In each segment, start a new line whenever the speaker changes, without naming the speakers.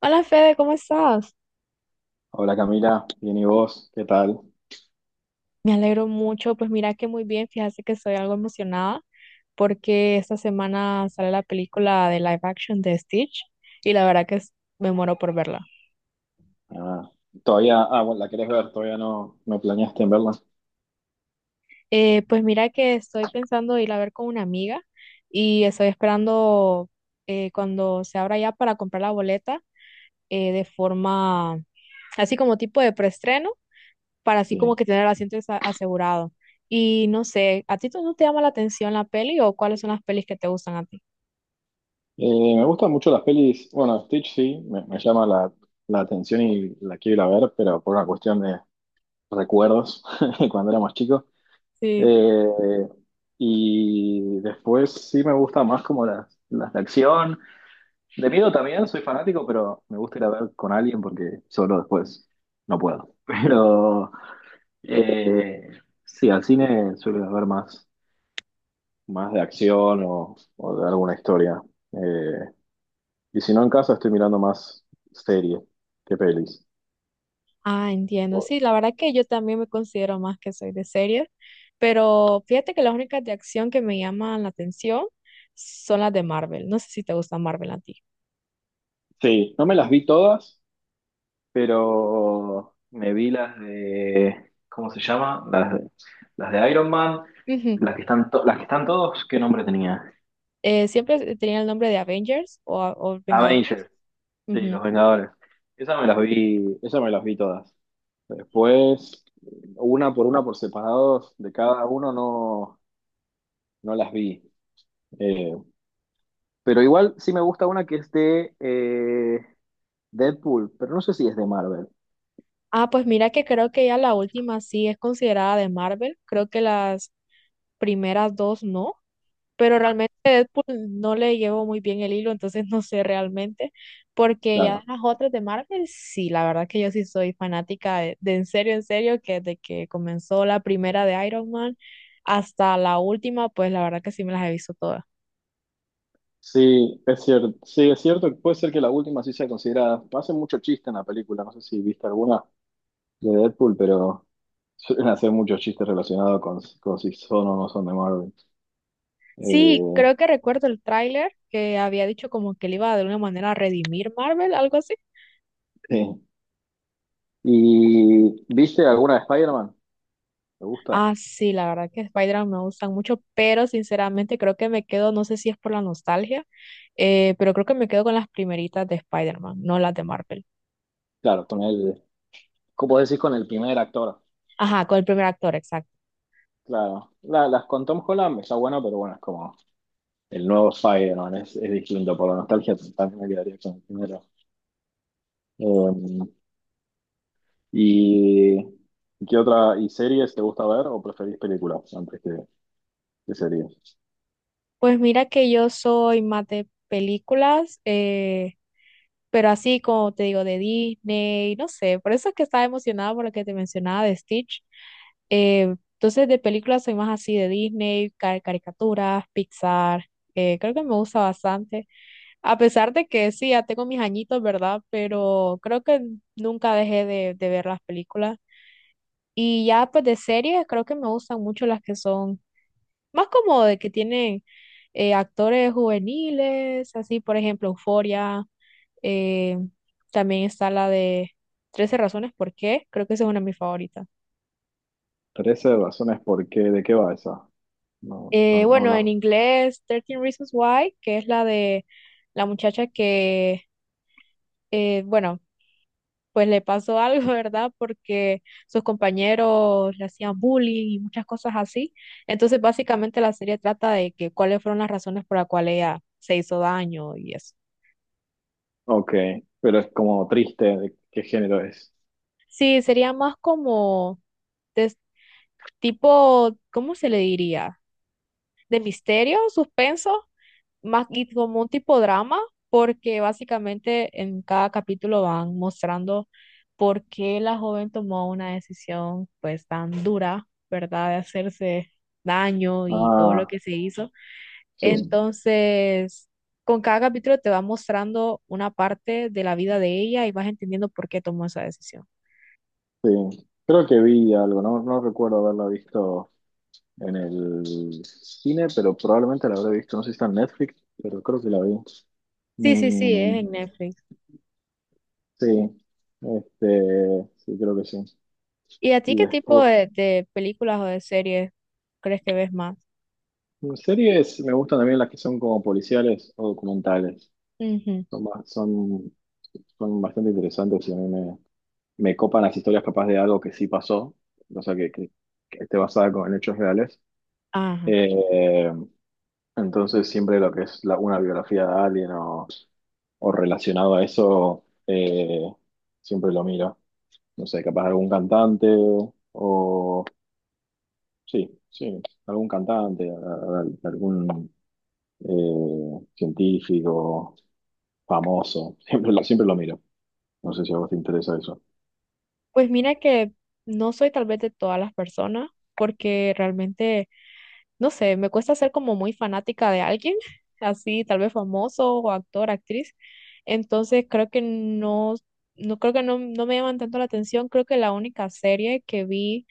Hola Fede, ¿cómo estás?
Hola Camila, bien y vos, ¿qué tal?
Me alegro mucho, pues mira que muy bien, fíjate que estoy algo emocionada porque esta semana sale la película de live action de Stitch y la verdad que me muero por verla.
Ah, bueno, la querés ver, todavía no planeaste en verla.
Pues mira que estoy pensando ir a ver con una amiga y estoy esperando cuando se abra ya para comprar la boleta de forma así como tipo de preestreno para así como
Sí.
que tener el asiento asegurado. Y no sé, ¿a ti tú no te llama la atención la peli o cuáles son las pelis que te gustan a ti?
Me gustan mucho las pelis, bueno, Stitch sí, me llama la atención y la quiero ir a ver, pero por una cuestión de recuerdos, de cuando éramos chicos.
Sí,
Eh, y después sí me gusta más como las de acción. De miedo también, soy fanático, pero me gusta ir a ver con alguien porque solo después no puedo. Pero... Eh, sí, al cine suele haber más de acción o de alguna historia. Eh, y si no en casa estoy mirando más series que pelis.
ah, entiendo. Sí, la verdad que yo también me considero más que soy de series, pero fíjate que las únicas de acción que me llaman la atención son las de Marvel. No sé si te gusta Marvel a ti.
Sí, no me las vi todas, pero me vi las de, ¿cómo se llama? Las de Iron Man,
Ujú.
las que están, las que están todos, ¿qué nombre tenía?
Siempre tenía el nombre de Avengers o Vengadores.
Avengers, sí,
Ujú.
Los Vengadores. Esas me las vi, esas me las vi todas. Después, una por separados de cada uno no, no las vi. Eh, pero igual sí me gusta una que es de Deadpool, pero no sé si es de Marvel.
Ah, pues mira que creo que ya la última sí es considerada de Marvel. Creo que las primeras dos no. Pero realmente Deadpool no le llevo muy bien el hilo, entonces no sé realmente, porque ya de
Claro.
las otras de Marvel, sí, la verdad que yo sí soy fanática de en serio, que desde que comenzó la primera de Iron Man hasta la última, pues la verdad que sí me las he visto todas.
Sí, es cierto. Sí, es cierto que puede ser que la última sí sea considerada. Hacen mucho chiste en la película, no sé si viste alguna de Deadpool, pero suelen hacer muchos chistes relacionados con si son o no son de Marvel.
Sí,
Eh,
creo que recuerdo el tráiler que había dicho como que le iba de alguna manera a redimir Marvel, algo así.
sí. ¿Y viste alguna de Spider-Man? ¿Te gusta?
Ah, sí, la verdad que Spider-Man me gustan mucho, pero sinceramente creo que me quedo, no sé si es por la nostalgia, pero creo que me quedo con las primeritas de Spider-Man, no las de Marvel.
Claro, con él. Como decís, con el primer actor,
Ajá, con el primer actor, exacto.
claro. Las con Tom Holland está bueno, pero bueno, es como el nuevo Spider-Man, es distinto. Por la nostalgia también me quedaría con el primero. Eh, ¿Y qué otra? ¿Y series te gusta ver o preferís películas antes que series?
Pues mira que yo soy más de películas, pero así como te digo, de Disney, no sé, por eso es que estaba emocionada por lo que te mencionaba de Stitch. Entonces, de películas soy más así de Disney, caricaturas, Pixar, creo que me gusta bastante. A pesar de que sí, ya tengo mis añitos, ¿verdad? Pero creo que nunca dejé de ver las películas. Y ya pues de series, creo que me gustan mucho las que son más como de que tienen actores juveniles, así por ejemplo Euphoria, eh, también está la de 13 razones por qué, creo que esa es una de mis favoritas.
13 razones por qué, ¿de qué va esa? No, no, no,
Bueno, en
no.
inglés, 13 Reasons Why, que es la de la muchacha que, bueno, pues le pasó algo, ¿verdad? Porque sus compañeros le hacían bullying y muchas cosas así. Entonces, básicamente la serie trata de que cuáles fueron las razones por las cuales ella se hizo daño y eso.
Ok, pero es como triste, ¿de qué género es?
Sí, sería más como de tipo, ¿cómo se le diría? ¿De misterio, suspenso? Más y como un tipo drama, porque básicamente en cada capítulo van mostrando por qué la joven tomó una decisión pues tan dura, ¿verdad? De hacerse daño y todo lo
Ah,
que se hizo.
sí,
Entonces, con cada capítulo te va mostrando una parte de la vida de ella y vas entendiendo por qué tomó esa decisión.
sí. Creo que vi algo, no, no recuerdo haberla visto en el cine, pero probablemente la habré visto. No sé si está en Netflix, pero creo que la vi.
Sí, sí, sí, es
Mm,
en Netflix.
sí, este, sí, creo que sí.
¿Y a ti
Y
qué tipo
después,
de películas o de series crees que ves más?
series me gustan también las que son como policiales o documentales.
Ujú.
Son, son, son bastante interesantes y a me copan las historias capaz de algo que sí pasó, o sea, que esté en hechos reales.
Ajá.
Eh, entonces siempre lo que es una biografía de alguien o relacionado a eso, siempre lo miro. No sé, capaz algún cantante o... Sí, sí, algún cantante, algún científico famoso. Siempre lo miro. No sé si a vos te interesa eso.
Pues mira que no soy tal vez de todas las personas, porque realmente, no sé, me cuesta ser como muy fanática de alguien, así tal vez famoso o actor, actriz. Entonces creo que no, no creo que no, no me llaman tanto la atención. Creo que la única serie que vi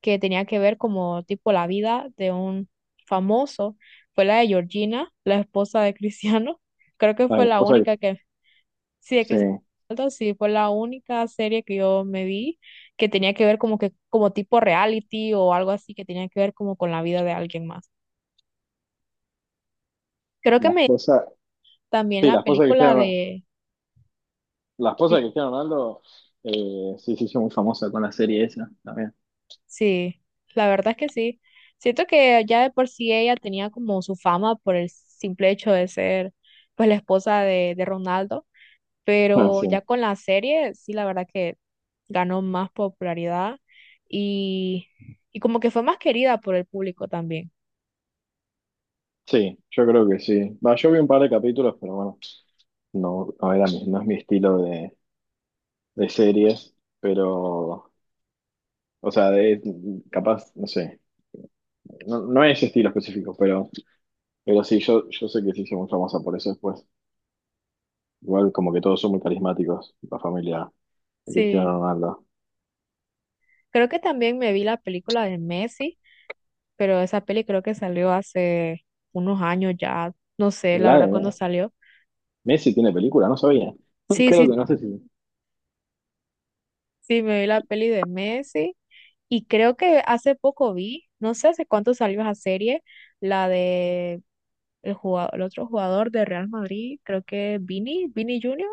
que tenía que ver como tipo la vida de un famoso fue la de Georgina, la esposa de Cristiano. Creo que
La
fue la
esposa de-
única que sí, de
sí,
Cristiano Ronaldo, sí, fue la única serie que yo me vi que tenía que ver como que como tipo reality o algo así que tenía que ver como con la vida de alguien más. Creo que
la
me
esposa,
también
sí, la
la
esposa de
película
Cristiano,
de
la esposa
y-
de Cristiano Ronaldo, sí, se hizo muy famosa con la serie esa también.
sí, la verdad es que sí. Siento que ya de por sí ella tenía como su fama por el simple hecho de ser pues la esposa de Ronaldo,
Ah,
pero
sí.
ya con la serie sí la verdad que ganó más popularidad y, y como que fue más querida por el público también.
Sí, yo creo que sí. Va, yo vi un par de capítulos, pero bueno. No, no era mi, no es mi estilo de series, pero, o sea, de, capaz, no sé, no, no es ese estilo específico, pero sí, yo sé que se hizo muy famosa por eso después. Igual como que todos son muy carismáticos, la familia de Cristiano
Sí,
Ronaldo.
creo que también me vi la película de Messi, pero esa peli creo que salió hace unos años ya, no sé, la
La de
verdad, cuándo
Me-
salió.
Messi tiene película, no sabía.
Sí,
Creo
sí,
que no sé si...
sí, me vi la peli de Messi y creo que hace poco vi, no sé hace cuánto salió esa serie, la de el jugador, el otro jugador de Real Madrid, creo que Vini Junior.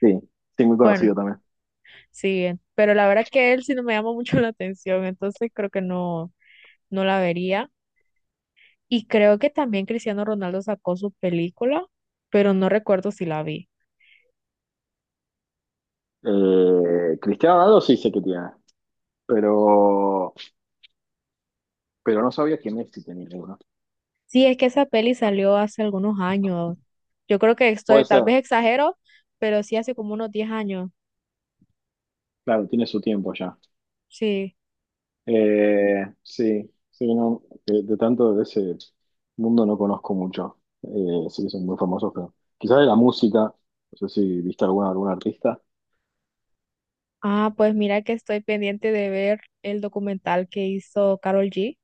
Sí, sí, muy
Bueno,
conocido también.
sí, pero la verdad que él sí no me llama mucho la atención, entonces creo que no, no la vería. Y creo que también Cristiano Ronaldo sacó su película, pero no recuerdo si la vi.
Cristiano Ronaldo sí sé que tiene, pero, pero no sabía que Messi tenía uno.
Sí, es que esa peli salió hace algunos años. Yo creo que
Puede
estoy, tal
ser,
vez exagero, pero sí hace como unos 10 años.
claro, tiene su tiempo ya.
Sí.
Sí, sí, no, de tanto de ese mundo no conozco mucho. Sí que son muy famosos, pero quizás de la música, no sé si viste alguna, algún artista.
Ah, pues mira que estoy pendiente de ver el documental que hizo Carol G.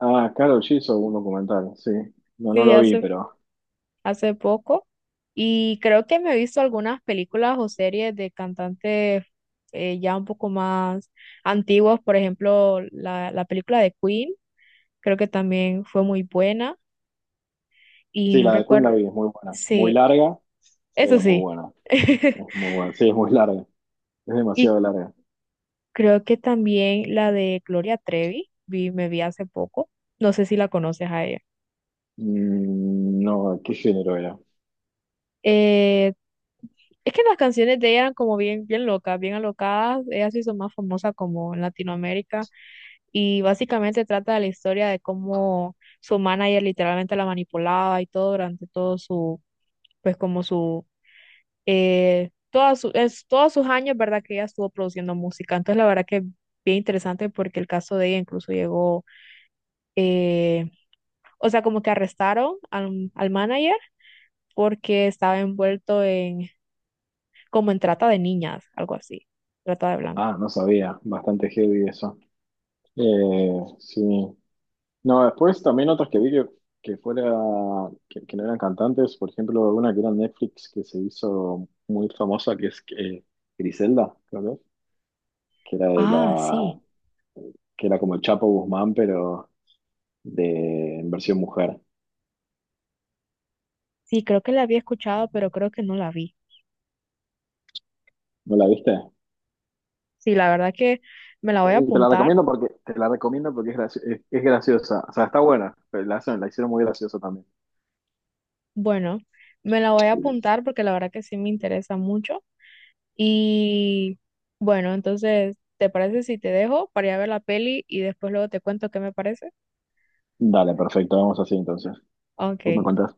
Ah, Karol G hizo un documental, sí. No, no
Sí,
lo vi, pero
hace poco. Y creo que me he visto algunas películas o series de cantantes ya un poco más antiguos. Por ejemplo, la película de Queen creo que también fue muy buena y
sí,
no
la de Queen la
recuerdo,
vi, es muy buena. Muy
sí,
larga,
eso
pero muy
sí.
buena. Es muy buena, sí, es muy larga. Es
Y
demasiado larga.
creo que también la de Gloria Trevi, vi, me vi hace poco, no sé si la conoces a ella.
Mm, no, ¿qué género era?
Eh, es que las canciones de ella eran como bien, bien locas, bien alocadas, ella se hizo más famosa como en Latinoamérica y básicamente trata de la historia de cómo su manager literalmente la manipulaba y todo durante todo su, pues como su todas todos sus años, ¿verdad? Que ella estuvo produciendo música. Entonces, la verdad que bien interesante porque el caso de ella incluso llegó, eh, o sea, como que arrestaron al, al manager porque estaba envuelto en, como en trata de niñas, algo así, trata de blancas.
Ah, no sabía, bastante heavy eso. Sí. No, después también otras que vi que fuera, que no eran cantantes, por ejemplo, una que era en Netflix que se hizo muy famosa, que es Griselda, creo que, es, que era de
Ah,
la,
sí,
que era como el Chapo Guzmán, pero de en versión mujer.
sí, creo que la había escuchado, pero creo que no la vi.
¿No la viste?
Sí, la verdad que me la voy a
Y te la
apuntar.
recomiendo porque, te la recomiendo porque es, es graciosa. O sea, está buena, pero la, la hicieron muy graciosa también.
Bueno, me la voy a apuntar porque la verdad que sí me interesa mucho. Y bueno, entonces, ¿te parece si te dejo para ir a ver la peli y después luego te cuento qué me parece?
Dale, perfecto, vamos así entonces.
Ok,
Tú me contás.